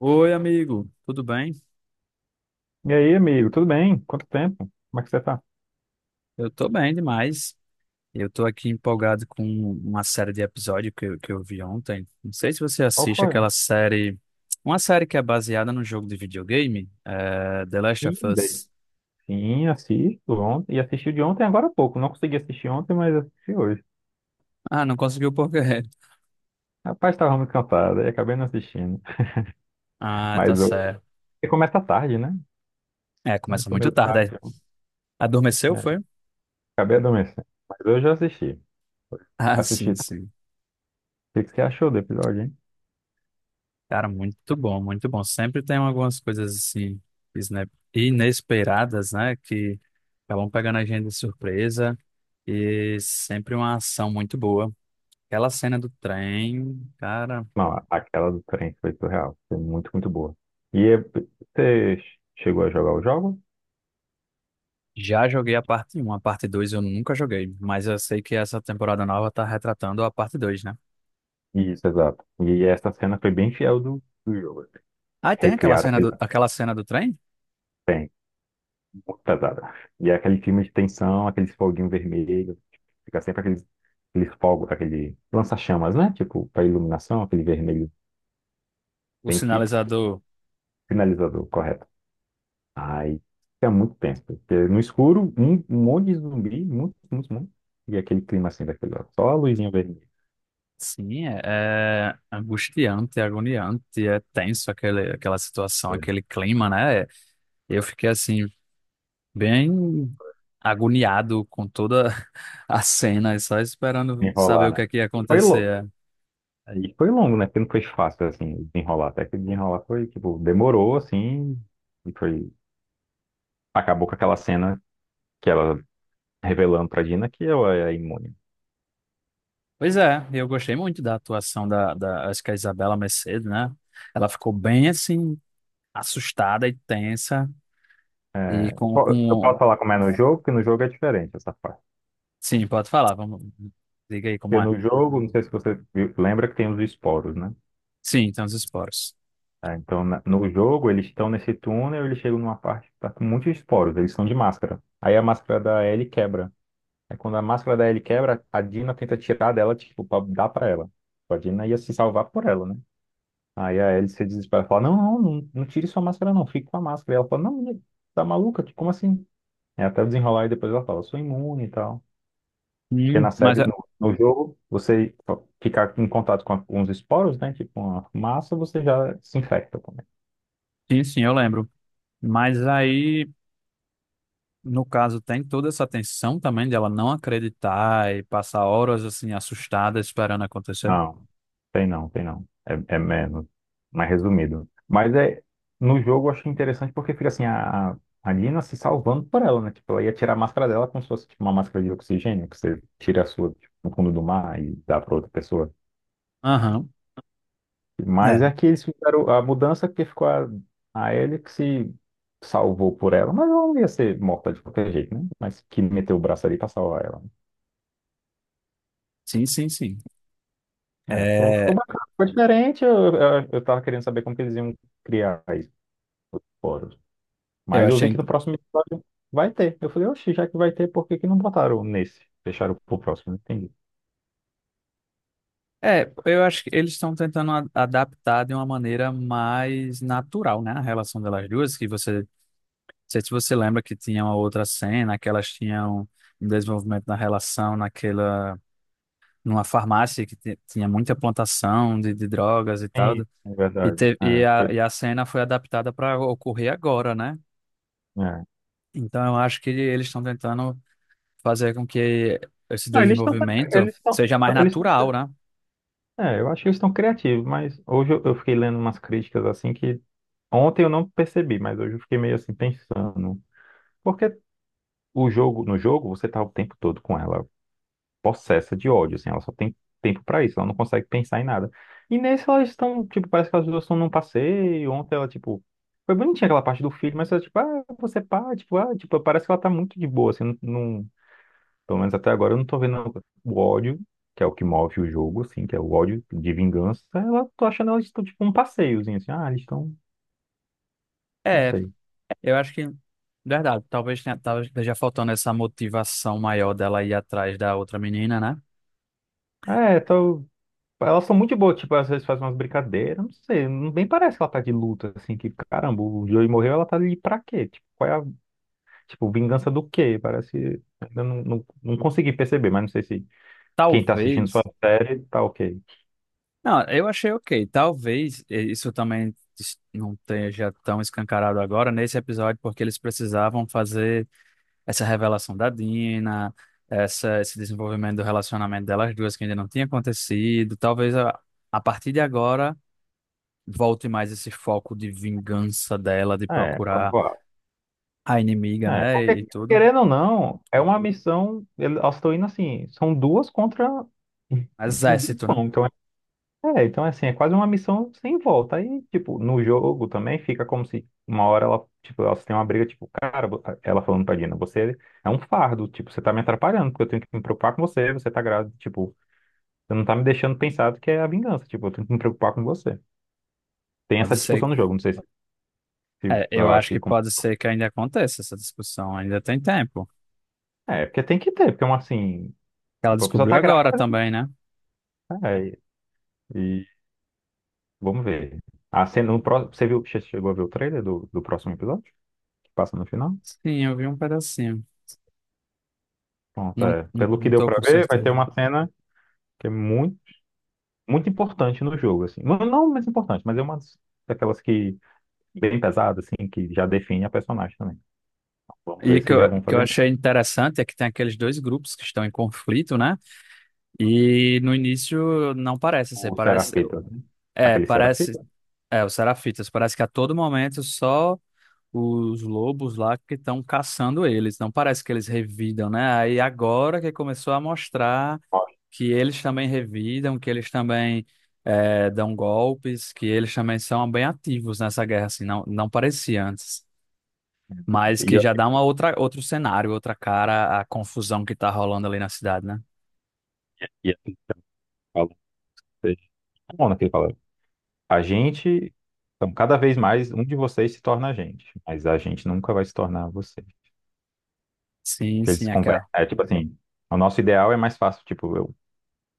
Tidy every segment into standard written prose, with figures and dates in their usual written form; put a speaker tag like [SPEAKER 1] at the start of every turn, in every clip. [SPEAKER 1] Oi, amigo, tudo bem?
[SPEAKER 2] E aí, amigo, tudo bem? Quanto tempo? Como é que você tá?
[SPEAKER 1] Eu tô bem demais. Eu tô aqui empolgado com uma série de episódios que eu vi ontem. Não sei se você
[SPEAKER 2] Qual
[SPEAKER 1] assiste
[SPEAKER 2] foi?
[SPEAKER 1] aquela série, uma série que é baseada no jogo de videogame, The Last
[SPEAKER 2] Sim,
[SPEAKER 1] of
[SPEAKER 2] daí.
[SPEAKER 1] Us.
[SPEAKER 2] Sim, assisto ontem. E assisti de ontem agora há pouco. Não consegui assistir ontem, mas assisti hoje.
[SPEAKER 1] Ah, não conseguiu por quê?
[SPEAKER 2] Rapaz, estava muito cansado e acabei não assistindo.
[SPEAKER 1] Ah,
[SPEAKER 2] Mas
[SPEAKER 1] tá
[SPEAKER 2] hoje.
[SPEAKER 1] certo.
[SPEAKER 2] Porque começa tarde, né?
[SPEAKER 1] É, começa
[SPEAKER 2] Começou
[SPEAKER 1] muito
[SPEAKER 2] meio tarde,
[SPEAKER 1] tarde.
[SPEAKER 2] então.
[SPEAKER 1] Adormeceu,
[SPEAKER 2] É,
[SPEAKER 1] foi?
[SPEAKER 2] acabei adormecendo. Mas hoje eu assisti.
[SPEAKER 1] Ah,
[SPEAKER 2] Assisti.
[SPEAKER 1] sim,
[SPEAKER 2] O
[SPEAKER 1] sim.
[SPEAKER 2] que que você achou do episódio, hein?
[SPEAKER 1] Cara, muito bom, muito bom. Sempre tem algumas coisas assim inesperadas, né? Que acabam pegando a gente de surpresa e sempre uma ação muito boa. Aquela cena do trem, cara,
[SPEAKER 2] Não, aquela do trem foi surreal. Foi muito, muito boa. E é- Você chegou a jogar o jogo?
[SPEAKER 1] já joguei a parte um, a parte 2 eu nunca joguei, mas eu sei que essa temporada nova tá retratando a parte dois, né?
[SPEAKER 2] Isso, exato. E essa cena foi bem fiel do jogo.
[SPEAKER 1] Ah, e tem
[SPEAKER 2] Recriar.
[SPEAKER 1] aquela cena do trem?
[SPEAKER 2] Tem, muito pesada. E é aquele filme de tensão, aqueles foguinho vermelho, fica sempre aqueles fogos, aquele lança-chamas, né? Tipo, para iluminação, aquele vermelho
[SPEAKER 1] O
[SPEAKER 2] bem típico,
[SPEAKER 1] sinalizador.
[SPEAKER 2] finalizador, correto. Aí fica muito tenso, porque no escuro, um monte de zumbi, muitos, muitos, muitos, e aquele clima assim daquele, ó, só a luzinha vermelha,
[SPEAKER 1] Sim, é angustiante, é agoniante, é tenso aquele, aquela situação,
[SPEAKER 2] pra
[SPEAKER 1] aquele clima, né? Eu fiquei assim, bem agoniado com toda a cena, e só esperando saber
[SPEAKER 2] enrolar,
[SPEAKER 1] o que
[SPEAKER 2] né?
[SPEAKER 1] é que ia
[SPEAKER 2] E foi longo,
[SPEAKER 1] acontecer. É.
[SPEAKER 2] e foi longo, né? Porque não foi fácil, assim, desenrolar, até que desenrolar foi, tipo, demorou, assim, e foi, acabou com aquela cena que ela revelando pra Dina que ela é imune.
[SPEAKER 1] Pois é, eu gostei muito da atuação acho que é a Isabela Mercedes, né? Ela ficou bem assim, assustada e tensa, e
[SPEAKER 2] É, eu
[SPEAKER 1] com...
[SPEAKER 2] posso falar como é no jogo, porque no jogo é diferente essa parte.
[SPEAKER 1] Sim, pode falar, vamos... Diga aí como
[SPEAKER 2] Porque
[SPEAKER 1] é.
[SPEAKER 2] no jogo, não sei se lembra que tem os esporos, né?
[SPEAKER 1] Sim, tem os esporos.
[SPEAKER 2] É, então, no jogo, eles estão nesse túnel, eles chegam numa parte que tá com muitos esporos, eles são de máscara. Aí a máscara da Ellie quebra. Aí quando a máscara da Ellie quebra, a Dina tenta tirar dela, tipo, pra dar pra ela. A Dina ia se salvar por ela, né? Aí a Ellie se desespera e fala, não, não, não, não tire sua máscara não, fique com a máscara. E ela fala, não, né, tá maluca? Como assim? É até o desenrolar e depois ela fala, sou imune e tal. Porque na
[SPEAKER 1] Mas,
[SPEAKER 2] série, no, no jogo, você ficar em contato com alguns esporos, né? Tipo uma massa, você já se infecta também.
[SPEAKER 1] sim, sim, eu lembro. Mas aí... No caso, tem toda essa tensão também de ela não acreditar e passar horas assim assustada esperando acontecer.
[SPEAKER 2] Não, tem não, tem não. É, é menos, mais resumido. Mas é, no jogo eu achei interessante porque fica assim, a Lina se salvando por ela, né? Tipo, ela ia tirar a máscara dela como se fosse tipo, uma máscara de oxigênio, que você tira a sua tipo, no fundo do mar e dá pra outra pessoa.
[SPEAKER 1] Aham.
[SPEAKER 2] Mas
[SPEAKER 1] É,
[SPEAKER 2] é que eles fizeram a mudança que ficou a Ellie que se salvou por ela, mas ela não ia ser morta de qualquer jeito, né? Mas que meteu o braço ali pra salvar ela.
[SPEAKER 1] sim, sim, sim.
[SPEAKER 2] É, ficou, ficou
[SPEAKER 1] É,
[SPEAKER 2] bacana, ficou diferente. Eu tava querendo saber como que eles iam criar isso fora.
[SPEAKER 1] eu
[SPEAKER 2] Mas eu vi que
[SPEAKER 1] achei.
[SPEAKER 2] no próximo episódio vai ter. Eu falei, oxi, já que vai ter, por que que não botaram nesse? Deixaram pro próximo, entendi.
[SPEAKER 1] É, eu acho que eles estão tentando adaptar de uma maneira mais natural, né? A relação delas duas, que você. Não sei se você lembra que tinha uma outra cena, que elas tinham um desenvolvimento da relação naquela, numa farmácia que tinha muita plantação de drogas e tal.
[SPEAKER 2] Sim, é
[SPEAKER 1] E,
[SPEAKER 2] verdade. É, foi-
[SPEAKER 1] e a cena foi adaptada para ocorrer agora, né?
[SPEAKER 2] é.
[SPEAKER 1] Então eu acho que eles estão tentando fazer com que esse
[SPEAKER 2] Não,
[SPEAKER 1] desenvolvimento
[SPEAKER 2] eles estão
[SPEAKER 1] seja mais
[SPEAKER 2] eles estão.
[SPEAKER 1] natural, né?
[SPEAKER 2] É, eu acho que eles estão criativos, mas hoje eu fiquei lendo umas críticas assim que ontem eu não percebi, mas hoje eu fiquei meio assim pensando. Porque o jogo, no jogo, você tá o tempo todo com ela possessa de ódio, assim, ela só tem tempo pra isso, ela não consegue pensar em nada. E nesse elas estão, tipo, parece que elas duas estão num passeio, ontem ela, tipo, foi bonitinha aquela parte do filho, mas ela, tipo, ah, você pá, tipo, ah, tipo, parece que ela tá muito de boa, assim, não, não pelo menos até agora eu não tô vendo o ódio, que é o que move o jogo, assim, que é o ódio de vingança. Ela, tô achando elas tipo, um passeiozinho, assim. Ah, eles estão, não
[SPEAKER 1] É,
[SPEAKER 2] sei.
[SPEAKER 1] eu acho que, verdade, talvez, talvez esteja faltando essa motivação maior dela ir atrás da outra menina, né?
[SPEAKER 2] É, tô... Elas são muito boas, tipo, às vezes faz umas brincadeiras, não sei, nem parece que ela tá de luta, assim, que, caramba, o Joey morreu, ela tá ali pra quê? Tipo, qual é a, tipo, vingança do quê? Parece, ainda não, não, não consegui perceber, mas não sei se quem tá assistindo sua
[SPEAKER 1] Talvez.
[SPEAKER 2] série tá ok.
[SPEAKER 1] Não, eu achei ok. Talvez eh, isso também não esteja tão escancarado agora nesse episódio, porque eles precisavam fazer essa revelação da Dina, essa, esse desenvolvimento do relacionamento delas duas que ainda não tinha acontecido. Talvez, a partir de agora, volte mais esse foco de vingança dela, de
[SPEAKER 2] É,
[SPEAKER 1] procurar
[SPEAKER 2] provável.
[SPEAKER 1] a inimiga,
[SPEAKER 2] É,
[SPEAKER 1] né?
[SPEAKER 2] porque,
[SPEAKER 1] E tudo.
[SPEAKER 2] querendo ou não, é uma missão. Elas estão indo assim, são duas contra um um
[SPEAKER 1] Exército, né?
[SPEAKER 2] grupão. Então, é, é, então é assim, é quase uma missão sem volta. Aí, tipo, no jogo também fica como se uma hora ela, tipo, elas têm uma briga, tipo, cara, ela falando pra Dina, você é um fardo, tipo, você tá me atrapalhando, porque eu tenho que me preocupar com você, você tá grávida, tipo, você não tá me deixando pensar do que é a vingança, tipo, eu tenho que me preocupar com você. Tem
[SPEAKER 1] Pode
[SPEAKER 2] essa
[SPEAKER 1] ser.
[SPEAKER 2] discussão no jogo, não sei se
[SPEAKER 1] É, eu
[SPEAKER 2] eu acho
[SPEAKER 1] acho
[SPEAKER 2] que.
[SPEAKER 1] que pode ser que ainda aconteça essa discussão, ainda tem tempo.
[SPEAKER 2] É, porque tem que ter, porque é uma assim,
[SPEAKER 1] Ela
[SPEAKER 2] tipo, a pessoa
[SPEAKER 1] descobriu
[SPEAKER 2] tá
[SPEAKER 1] agora
[SPEAKER 2] grávida.
[SPEAKER 1] também, né?
[SPEAKER 2] É, e vamos ver. A cena, no pró- você viu, chegou a ver o trailer do, do próximo episódio? Que passa no final?
[SPEAKER 1] Sim, eu vi um pedacinho.
[SPEAKER 2] Pronto,
[SPEAKER 1] Não,
[SPEAKER 2] é.
[SPEAKER 1] não,
[SPEAKER 2] Pelo que
[SPEAKER 1] não
[SPEAKER 2] deu
[SPEAKER 1] tô
[SPEAKER 2] pra
[SPEAKER 1] com
[SPEAKER 2] ver, vai ter
[SPEAKER 1] certeza.
[SPEAKER 2] uma cena que é muito, muito importante no jogo, assim. Não, não mais importante, mas é uma daquelas que bem pesada, assim, que já define a personagem também. Vamos
[SPEAKER 1] E
[SPEAKER 2] ver
[SPEAKER 1] que
[SPEAKER 2] se já
[SPEAKER 1] eu,
[SPEAKER 2] vão
[SPEAKER 1] que eu
[SPEAKER 2] fazer né?
[SPEAKER 1] achei interessante é que tem aqueles dois grupos que estão em conflito, né? E no início não parece ser.
[SPEAKER 2] O Serafita, né?
[SPEAKER 1] É,
[SPEAKER 2] Aquele
[SPEAKER 1] parece,
[SPEAKER 2] Serafita?
[SPEAKER 1] os serafitas, parece que a todo momento só os lobos lá que estão caçando eles, não parece que eles revidam, né? Aí agora que começou a mostrar
[SPEAKER 2] Ó,
[SPEAKER 1] que eles também revidam, que eles também dão golpes, que eles também são bem ativos nessa guerra, assim, não, não parecia antes. Mas
[SPEAKER 2] e
[SPEAKER 1] que
[SPEAKER 2] eu
[SPEAKER 1] já dá uma outra, outro cenário, outra cara a confusão que tá rolando ali na cidade, né?
[SPEAKER 2] e assim, fala, bom, naquele fala, a gente, então, cada vez mais um de vocês se torna a gente, mas a gente nunca vai se tornar você.
[SPEAKER 1] Sim,
[SPEAKER 2] Que
[SPEAKER 1] sim,
[SPEAKER 2] eles conversam.
[SPEAKER 1] aquela.
[SPEAKER 2] É tipo assim, o nosso ideal é mais fácil. Tipo,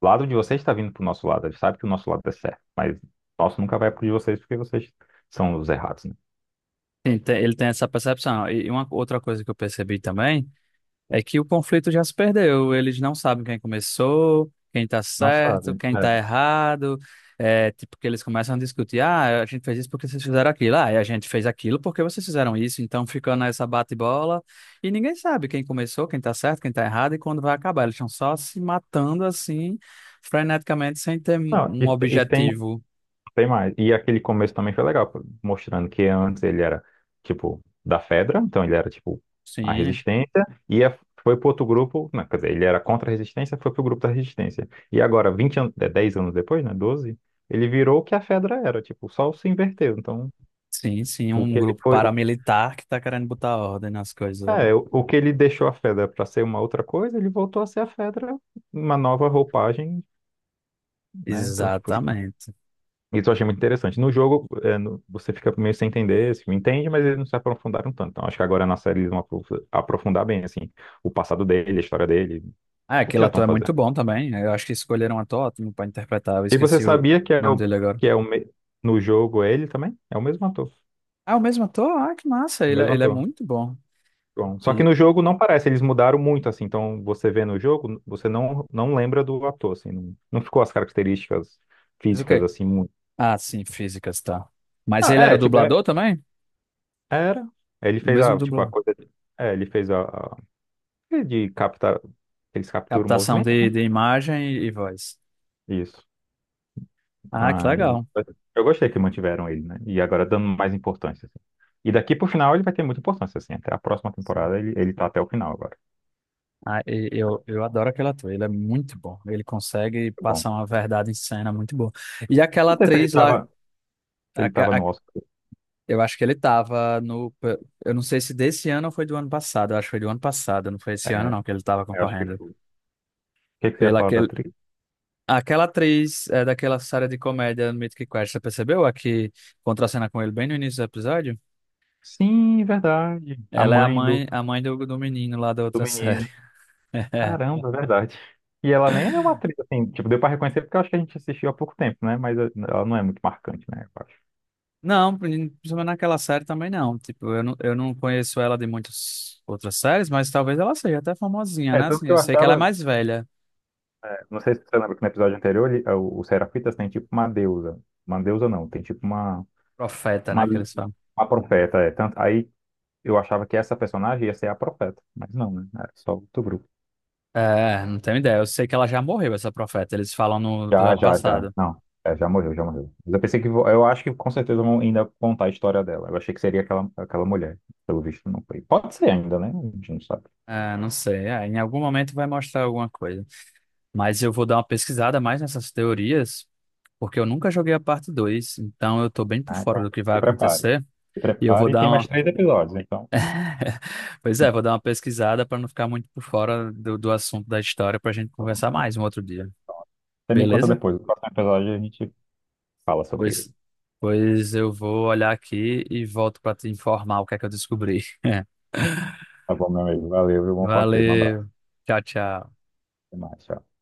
[SPEAKER 2] o lado de vocês está vindo pro nosso lado. A gente sabe que o nosso lado é certo, mas o nosso nunca vai pro de vocês porque vocês são os errados, né?
[SPEAKER 1] Sim, ele tem essa percepção. E uma outra coisa que eu percebi também é que o conflito já se perdeu. Eles não sabem quem começou, quem tá
[SPEAKER 2] Nossa,
[SPEAKER 1] certo, quem
[SPEAKER 2] é.
[SPEAKER 1] tá errado. É, tipo, que eles começam a discutir: ah, a gente fez isso porque vocês fizeram aquilo, ah, e a gente fez aquilo porque vocês fizeram isso. Então fica nessa bate-bola e ninguém sabe quem começou, quem tá certo, quem tá errado e quando vai acabar. Eles estão só se matando assim, freneticamente, sem ter um
[SPEAKER 2] Não,
[SPEAKER 1] um
[SPEAKER 2] isso tem,
[SPEAKER 1] objetivo.
[SPEAKER 2] tem mais. E aquele começo também foi legal, pô, mostrando que antes ele era, tipo, da Fedra, então ele era, tipo, a
[SPEAKER 1] Sim,
[SPEAKER 2] resistência, e foi pro outro grupo, não, quer dizer, ele era contra a resistência, foi pro grupo da resistência. E agora, 20 anos, é, 10 anos depois, né, 12 ele virou o que a Fedra era, tipo, só se inverteu. Então,
[SPEAKER 1] sim, sim,
[SPEAKER 2] o
[SPEAKER 1] um
[SPEAKER 2] que ele
[SPEAKER 1] grupo
[SPEAKER 2] foi, o,
[SPEAKER 1] paramilitar que tá querendo botar ordem nas coisas ali.
[SPEAKER 2] é, o que ele deixou a Fedra para ser uma outra coisa, ele voltou a ser a Fedra, uma nova roupagem, né? Então, tipo, assim,
[SPEAKER 1] Exatamente.
[SPEAKER 2] isso eu achei muito interessante. No jogo, é, você fica meio sem entender, assim, entende, mas eles não se aprofundaram tanto. Então, acho que agora na série eles vão aprofundar bem, assim, o passado dele, a história dele,
[SPEAKER 1] Ah,
[SPEAKER 2] o que
[SPEAKER 1] aquele
[SPEAKER 2] já estão
[SPEAKER 1] ator é
[SPEAKER 2] fazendo.
[SPEAKER 1] muito bom também. Eu acho que escolheram um ator ótimo pra interpretar. Eu
[SPEAKER 2] E você
[SPEAKER 1] esqueci o
[SPEAKER 2] sabia que é
[SPEAKER 1] nome
[SPEAKER 2] o,
[SPEAKER 1] dele agora.
[SPEAKER 2] que é o, me- no jogo é ele também? É o mesmo ator,
[SPEAKER 1] Ah, o mesmo ator? Ah, que massa.
[SPEAKER 2] o
[SPEAKER 1] Ele,
[SPEAKER 2] mesmo
[SPEAKER 1] ele é
[SPEAKER 2] ator.
[SPEAKER 1] muito bom.
[SPEAKER 2] Bom, só que
[SPEAKER 1] E...
[SPEAKER 2] no jogo não parece, eles mudaram muito, assim, então você vê no jogo, você não, não lembra do ator, assim, não, não ficou as características
[SPEAKER 1] Mas o
[SPEAKER 2] físicas,
[SPEAKER 1] quê?
[SPEAKER 2] assim, muito.
[SPEAKER 1] Ah, sim, físicas, tá. Mas
[SPEAKER 2] Ah,
[SPEAKER 1] ele era
[SPEAKER 2] é, tipo,
[SPEAKER 1] dublador também?
[SPEAKER 2] era, ele
[SPEAKER 1] O
[SPEAKER 2] fez
[SPEAKER 1] mesmo
[SPEAKER 2] a, tipo, a
[SPEAKER 1] dublador.
[SPEAKER 2] coisa, é, ele fez é de captar, eles capturam o
[SPEAKER 1] Captação
[SPEAKER 2] movimento, né?
[SPEAKER 1] de imagem e voz.
[SPEAKER 2] Isso,
[SPEAKER 1] Ah, que
[SPEAKER 2] aí,
[SPEAKER 1] legal.
[SPEAKER 2] eu gostei que mantiveram ele, né, e agora dando mais importância, assim. E daqui pro final ele vai ter muita importância, assim, até a próxima temporada ele, ele tá até o final agora.
[SPEAKER 1] Ah, eu adoro aquele ator, ele é muito bom. Ele consegue
[SPEAKER 2] Tá bom.
[SPEAKER 1] passar uma verdade em cena muito boa. E aquela
[SPEAKER 2] Não sei se ele
[SPEAKER 1] atriz lá,
[SPEAKER 2] tava,
[SPEAKER 1] a- a-
[SPEAKER 2] no Oscar,
[SPEAKER 1] eu acho que ele tava no... Eu não sei se desse ano ou foi do ano passado, eu acho que foi do ano passado, não foi esse ano
[SPEAKER 2] é,
[SPEAKER 1] não que ele tava
[SPEAKER 2] eu acho que
[SPEAKER 1] concorrendo.
[SPEAKER 2] foi. Que é que você ia
[SPEAKER 1] Pela
[SPEAKER 2] falar da
[SPEAKER 1] aquele,
[SPEAKER 2] atriz?
[SPEAKER 1] aquela atriz é, daquela série de comédia Mythic Quest, você percebeu? A que contracena com ele bem no início do episódio?
[SPEAKER 2] Sim, verdade. A
[SPEAKER 1] Ela é a
[SPEAKER 2] mãe do,
[SPEAKER 1] mãe, do menino lá da
[SPEAKER 2] do
[SPEAKER 1] outra série.
[SPEAKER 2] menino. Caramba, verdade. E ela nem é uma atriz, assim, tipo, deu pra reconhecer porque eu acho que a gente assistiu há pouco tempo, né? Mas eh, ela não é muito marcante, né? Eu acho.
[SPEAKER 1] Não, principalmente naquela série também não. Tipo, eu não conheço ela de muitas outras séries, mas talvez ela seja até famosinha,
[SPEAKER 2] É,
[SPEAKER 1] né?
[SPEAKER 2] tanto
[SPEAKER 1] Assim,
[SPEAKER 2] que
[SPEAKER 1] eu
[SPEAKER 2] eu
[SPEAKER 1] sei que ela é
[SPEAKER 2] achava,
[SPEAKER 1] mais velha.
[SPEAKER 2] eh, não sei se você lembra que no episódio anterior, eh, o Serafitas tem tipo uma deusa. Uma deusa não, tem tipo
[SPEAKER 1] Profeta,
[SPEAKER 2] uma,
[SPEAKER 1] né? Que eles falam.
[SPEAKER 2] uma profeta, é. Tanto, aí eu achava que essa personagem ia ser a profeta, mas não, né? É só o Tobru.
[SPEAKER 1] É, não tenho ideia. Eu sei que ela já morreu, essa profeta. Eles falam no
[SPEAKER 2] Já,
[SPEAKER 1] episódio
[SPEAKER 2] já, já.
[SPEAKER 1] passado.
[SPEAKER 2] Não, é, já morreu, já morreu. Mas eu pensei que, eu acho que com certeza vão ainda contar a história dela. Eu achei que seria aquela, aquela mulher. Pelo visto, não foi. Pode ser ainda, né? A gente não sabe.
[SPEAKER 1] É, não sei. É, em algum momento vai mostrar alguma coisa. Mas eu vou dar uma pesquisada mais nessas teorias, porque eu nunca joguei a parte 2, então eu tô bem por
[SPEAKER 2] Ah,
[SPEAKER 1] fora
[SPEAKER 2] então,
[SPEAKER 1] do que
[SPEAKER 2] se
[SPEAKER 1] vai
[SPEAKER 2] prepare.
[SPEAKER 1] acontecer.
[SPEAKER 2] Se
[SPEAKER 1] E eu vou
[SPEAKER 2] prepare. E
[SPEAKER 1] dar
[SPEAKER 2] tem mais
[SPEAKER 1] uma
[SPEAKER 2] três episódios, então.
[SPEAKER 1] pois é, vou dar uma pesquisada para não ficar muito por fora do assunto da história para a gente
[SPEAKER 2] Pronto.
[SPEAKER 1] conversar mais um outro dia.
[SPEAKER 2] Você me conta
[SPEAKER 1] Beleza?
[SPEAKER 2] depois. No próximo episódio a gente fala sobre ele.
[SPEAKER 1] Pois, pois eu vou olhar aqui e volto para te informar o que é que eu descobri.
[SPEAKER 2] Tá bom, meu amigo. Valeu, viu? Bom falar contigo. Um abraço.
[SPEAKER 1] Valeu. Tchau, tchau.
[SPEAKER 2] Até mais. Tchau.